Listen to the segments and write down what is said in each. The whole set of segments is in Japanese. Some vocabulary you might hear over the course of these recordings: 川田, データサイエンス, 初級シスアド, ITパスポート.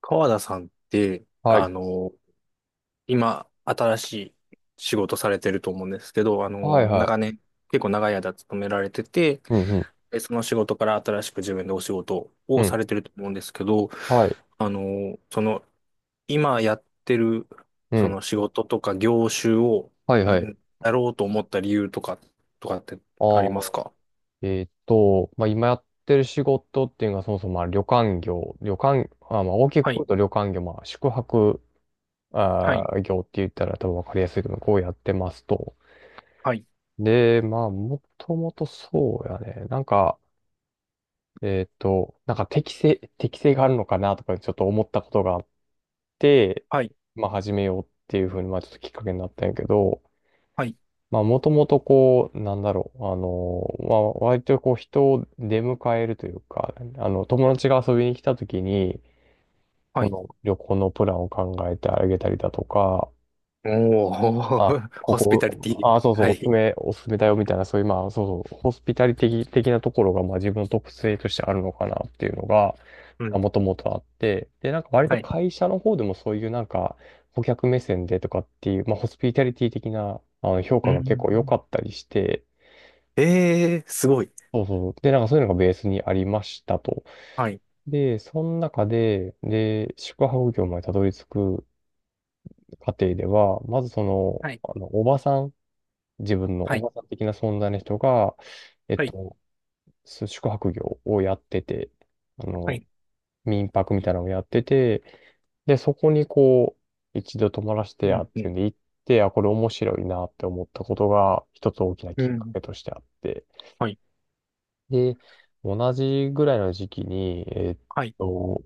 川田さんって、はい。今、新しい仕事されてると思うんですけど、はいは長い。年、結構長い間勤められてて、うんうん。でその仕事から新しく自分でお仕事うをん。されてると思うんですけど、はい。あの、その、今やってる、うそん。の仕事とか業種を、はいうはい。んやろうと思った理由とか、とかってあありますー。か？まあ、今やってる仕事っていうのがそもそもまあ旅館業、旅館、あ、まあ、大きはく言うい、と旅館業、まあ、宿泊、はあい、ー、業って言ったら多分わかりやすいけど、こうやってますと。はい、で、まあ、もともとそうやね。なんか、なんか適性があるのかなとかちょっと思ったことがあって、はい、まあ、始めようっていうふうに、まあ、ちょっときっかけになったんやけど、はい、まあ、もともとこう、なんだろう、まあ、割とこう、人を出迎えるというか、あの、友達が遊びに来た時に、はこい。の旅行のプランを考えてあげたりだとか、おあ、ー、こホスピタリこ、ティ。あ、そうそはう、おすすい。め、おすすめだよみたいな、そういう、まあ、そうそう、ホスピタリティ的なところが、まあ、自分の特性としてあるのかなっていうのが、うん。もともとあって、で、なんか割とはい。会社の方でもそういうなんか、顧客目線でとかっていう、まあ、ホスピタリティ的な評う価が結構良ん。かったりして、ええー、すごい。そうそうそう。で、なんかそういうのがベースにありましたと。はい。で、その中で、で、宿泊業までたどり着く過程では、まずその、はい。あの、おばさん、自分のはおい。ばさん的な存在の人が、えっはい。と、宿泊業をやってて、あはの、い。民泊みたいなのをやってて、で、そこにこう、一度泊まらせてうやん。っうていうん。んで行って、あ、これ面白いなって思ったことが、一つ大きなうきっかん。けとしてあって、はい。で、同じぐらいの時期に、はい。と、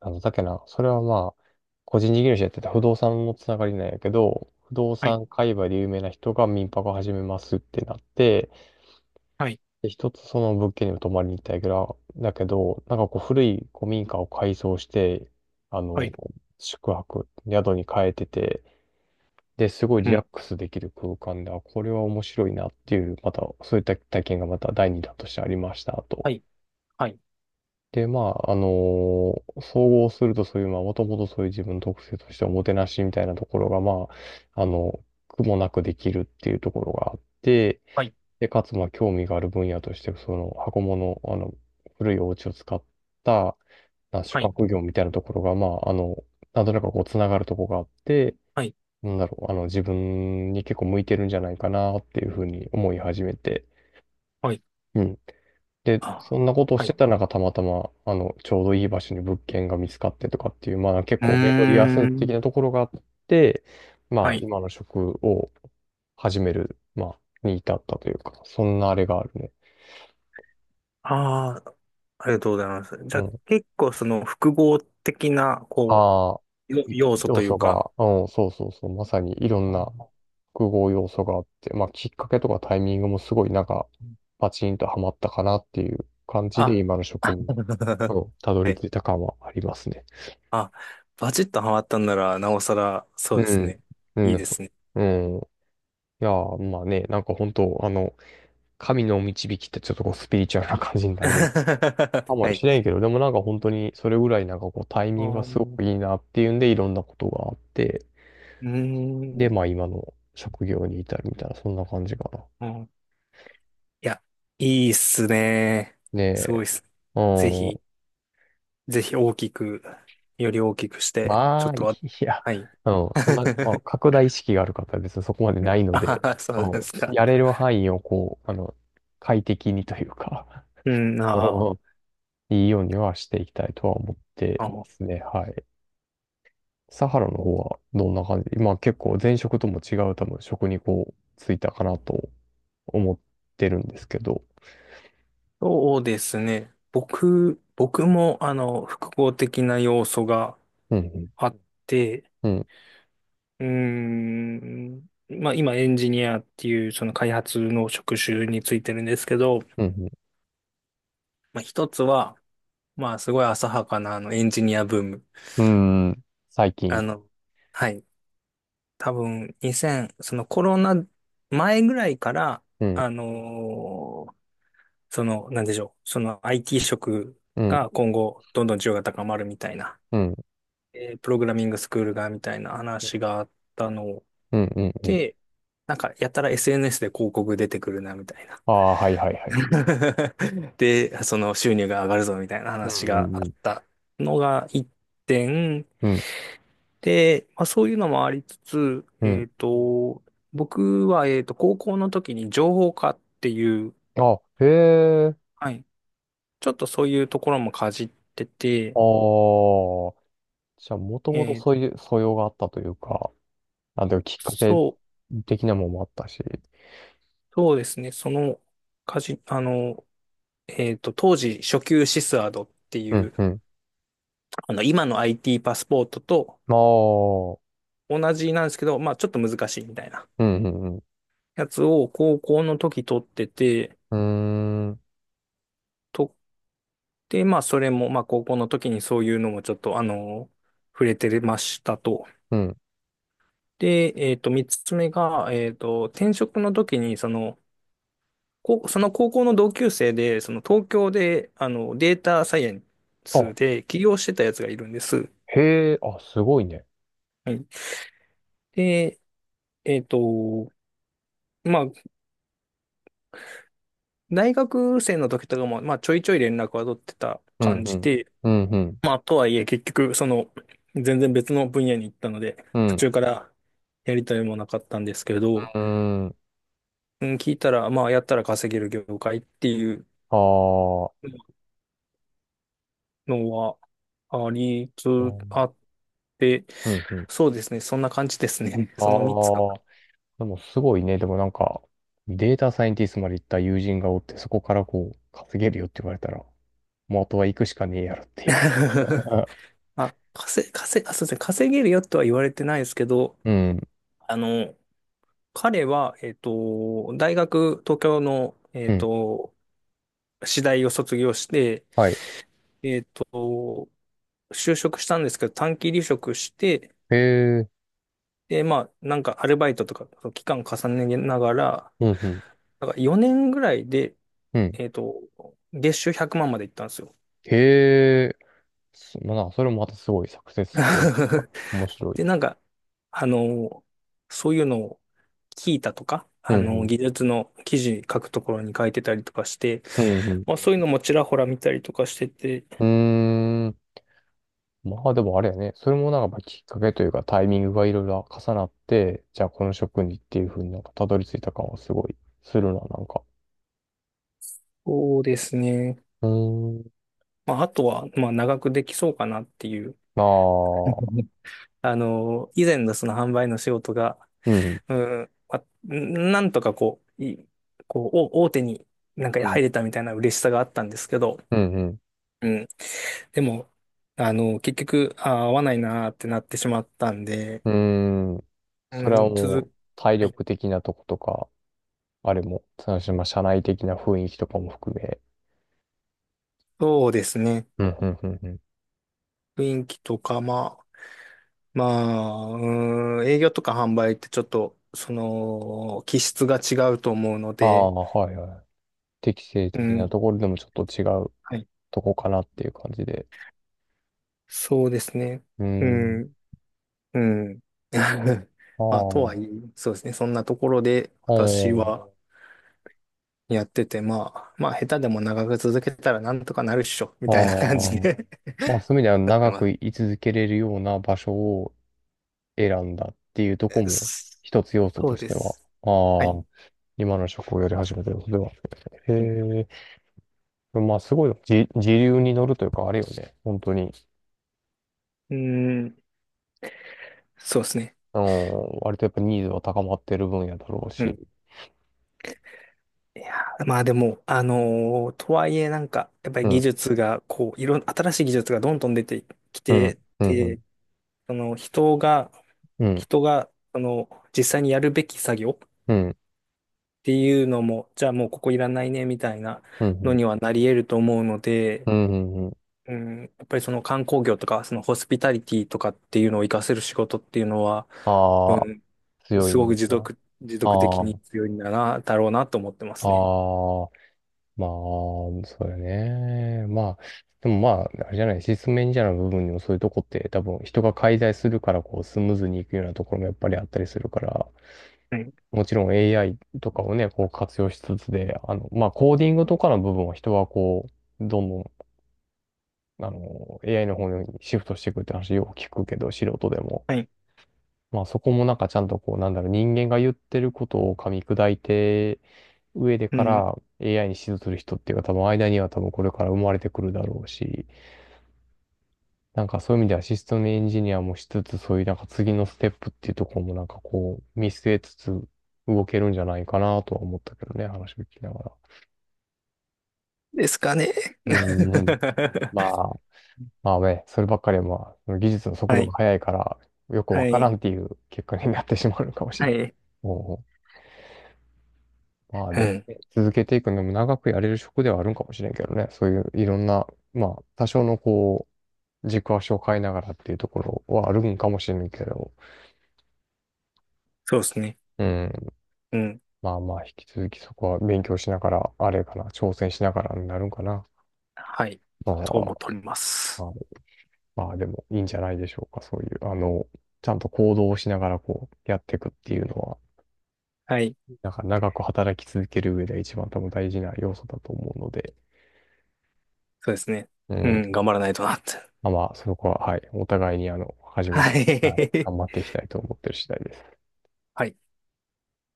あの、だっけな、それはまあ、個人事業主やってて不動産のつながりなんやけど、不動はい。産界隈で有名な人が民泊を始めますってなって、はい。で、一つその物件にも泊まりに行ったんやけど、だけど、なんかこう古い古民家を改装して、あはの、い。宿泊、宿に変えてて、で、すごいうリん。ラックスできる空間で、あ、これは面白いなっていう、また、そういった体験がまた第二弾としてありましたと。はい。はい。で、まあ、あの総合するとそういう、まあ、もともとそういう自分の特性としておもてなしみたいなところが、まあ、あの、苦もなくできるっていうところがあって、はい。で、かつ、まあ、興味がある分野として、その、箱物、あの、古いお家を使った、まあ、は宿い。泊業みたいなところが、まあ、あの、なんとなくこう、つながるところがあって、はい。なんだろう、あの、自分に結構向いてるんじゃないかなっていうふうに思い始めて、はい。うん。で、そあんなことをー。しはてい。たらなんかたまたま、あの、ちょうどいい場所に物件が見つかってとかっていう、まあ結うー構巡り合わせ的ん。なところがあって、まあはい。今の職を始める、まあ、に至ったというか、そんなあれがあるね。ああ、ありがとうございます。じうゃあ、ん。結構その複合的な、こああ、う、い要素要という素か。が、うん、そうそうそう、まさにいろんあなー、複合要素があって、まあきっかけとかタイミングもすごいなんか、パチンとハマったかなっていう感じで、あ、今の職あ。 に、うん、たどはりい。着いた感はありますね。あ、バチッとハマったんなら、なおさら、そううですん。ね。ういいん、でそすね。う。うん。いやー、まあね、なんか本当、あの、神の導きってちょっとこうスピリチュアルな感じになるか もはしれんけい。ど、でもなんか本当にそれぐらいなんかこうタイおミングがすごー、くいいなっていうんで、いろんなことがあって、うーで、ん。まあ今の職業に至るみたいな、そんな感じかな。うん。いや、いいっすね。ねすごえ、いっす。うぜん。ひ、ぜひ大きく、より大きくして、ちまょっあ、といわ、や、はい。うん。そんな、まあ、拡大意識がある方は別にそこまでないのあで、あ、そううですん。か。やれる範囲をこう、あの、快適にというか、うん、あうー。ん。いいようにはしていきたいとは思ってあまの、すね。はい。サハラの方はどんな感じでまあ結構前職とも違う多分職にこうついたかなと思ってるんですけど。そうですね。僕も、複合的な要素がうん、あって、うん、うーん、まあ、今、エンジニアっていう、その開発の職種についてるんですけど、うん、まあ、一つは、まあ、すごい浅はかな、エンジニアブーム。うん、うん、最あ近。の、はい。多分、2000、そのコロナ前ぐらいから、うん、あのーその、なんでしょう。その IT 職うん、が今後、どんどん需要が高まるみたいな、うん、プログラミングスクールが、みたいなうん、話があったのうん、うんうんうんうんうん、最近、うんうんうんうんうんうん。で、なんか、やたら SNS で広告出てくるな、みたいな。ああ、はいはいはい。で、その収入が上がるぞ、みたいなう話がん、うあっん、たのが一点、うん、うん。で、まあ、そういうのもありつつ、うん。僕は、高校の時に情報科っていう、あ、へえ。はい、ちょっとそういうところもかじってて、ああ。じゃあもともとえそうーいう素養があったというか、あ、でもきっかけそう、的なものもあったし。そうですね、その、かじ、あの、えっと、当時、初級シスアドってういん、う、うん。あの、今の IT パスポートとああ、同じなんですけど、まあ、ちょっと難しいみたいなうんうんやつを高校の時取ってて、うん。うーん、とで、まあ、それも、まあ、高校の時にそういうのもちょっと、触れてましたと。うん。で、三つ目が、転職の時に、その、こうその高校の同級生で、その東京で、データサイエンあ、スで起業してたやつがいるんです。へえ、あ、すごいね。はい。で、えっと、まあ、大学生の時とかも、まあ、ちょいちょい連絡は取ってたうん、感うじん、で、うん、うん、まあ、とはいえ、結局、その、全然別の分野に行ったので、途う中からやりたいもなかったんですけん、ど、うん。うん、聞いたら、まあ、やったら稼げる業界っていうああ、のはありうん、あって、うん。うん。そうですね、そんな感じですね。その3つか。ああ、でもすごいね。でもなんか、データサイエンティストまで行った友人がおって、そこからこう、稼げるよって言われたら、もうあとは行くしかねえやろっていう。あ、稼、稼、あ、そうですね、稼げるよとは言われてないですけど、うん、あの、彼は、大学、東京の、うん。私大を卒業して、はい。えっと、就職したんですけど、短期離職して、へえ、で、まあ、なんかアルバイトとか、期間重ねながら、うん、うん、なんか4年ぐらいで、うん。えっと、月収100万まんまで行ったんですよ。へえ、そまあ、それもまたすごいサクセスストーリーというか、面白い。で、なんか、あの、そういうのを聞いたとか、うん、技術の記事書くところに書いてたりとかして、うん、うん、まあ、そういうのもちらほら見たりとかしてて、うん。うーん。まあでもあれやね。それもなんかまあきっかけというかタイミングがいろいろ重なって、じゃあこの職にっていうふうになんかたどり着いた感はすごいするな、なんか。そうですね。うーん。まあ、あとは、まあ、長くできそうかなっていう。ああ、あの、以前のその販売の仕事が、うん、うん、まあ、なんとかこう、こう、お大手になんかうん、入れたみたいな嬉しさがあったんですけど、うん、うん。うん。でも、結局、あー、合わないなーってなってしまったんで、うーん。うそれはん、もう体はい。力的なとことか、あれも、そのまあ社内的な雰囲気とかも含め。そうですね。うん、うん、うん、うん。雰囲気とか、まあ、まあ、うん、営業とか販売ってちょっと、その、気質が違うと思うのああ、で、はいはい。適性う的なん、ところでもちょっと違うはい。とこかなっていう感じで。そうですね。ううん。ん。うん。あまあ、とあ、はいえ、そうですね。そんなところで私あはやってて、まあ、まあ、下手でも長く続けたらなんとかなるっしょ、みあ、あたいな感じあ。で まあ、そういう意味では やって長まく居続けれるような場所を選んだっていうとこもす。一つ要素そうとしでては、す。はああ、い。今の職をやり始めたよ、それは。うん、へえ、まあ、すごい、時流に乗るというか、あれよね。本当に、うーん、そうですね。うん、割とやっぱニーズは高まってる分野だろううし。ん。いやー、まあでも、とはいえなんか、やっぱうり技ん、術が、こう、いろん、新しい技術がどんどん出てきうん、てうん、て、その人が、うん、人が、その、実際にやるべき作業、うん、うん、っていうのも、じゃあもうここいらないねみたいなうのん、にはなり得ると思うので、うん、うん、うん、やっぱりその観光業とか、そのホスピタリティとかっていうのを活かせる仕事っていうのは、あうあー、ん、強すいごくのかな。持続的ああ、に強いんだな、だろうなと思ってまあすね。あ。まあ、そうだね。まあ、でもまあ、あれじゃない、シスメンジャーの部分にもそういうとこって多分人が介在するからこうスムーズにいくようなところもやっぱりあったりするから、はい。もちろん AI とかをね、こう活用しつつで、あの、まあ、コーディングとかの部分は人はこう、どんどん、あの、AI の方にシフトしていくって話よく聞くけど、素人でも。はい。まあそこもなんかちゃんとこう、なんだろう、人間が言ってることを噛み砕いて、上でうかん。ら AI に指導する人っていうか多分間には多分これから生まれてくるだろうし、なんかそういう意味ではシステムエンジニアもしつつ、そういうなんか次のステップっていうところもなんかこう、見据えつつ動けるんじゃないかなとは思ったけどね、話を聞きながら。ですかね。うん、うん。ま あ、まあね、そればっかりはまあ、その技術の速は度がい。速いから、よくわはからんい。っていう結果になってしまうのかもしはれん。い。おう。まあうでもん。ね、続けていくのも長くやれる職ではあるんかもしれんけどね。そういういろんな、まあ多少のこう、軸足を変えながらっていうところはあるんかもしれんけど、そうですね。うん。うん。まあまあ引き続きそこは勉強しながら、あれかな、挑戦しながらになるんかな。はい。まとあ、思っております。まあ、まあでもいいんじゃないでしょうか。そういう、あの、ちゃんと行動をしながらこうやっていくっていうのは、はい。なんか長く働き続ける上で一番多分大事な要素だと思うので、そうですね。ううん。ん。頑張らないとなって。あ、まあ、そこは、はい、お互いに、あの、初めて、ははい、い。頑張っていきたいと思ってる次第です。はい。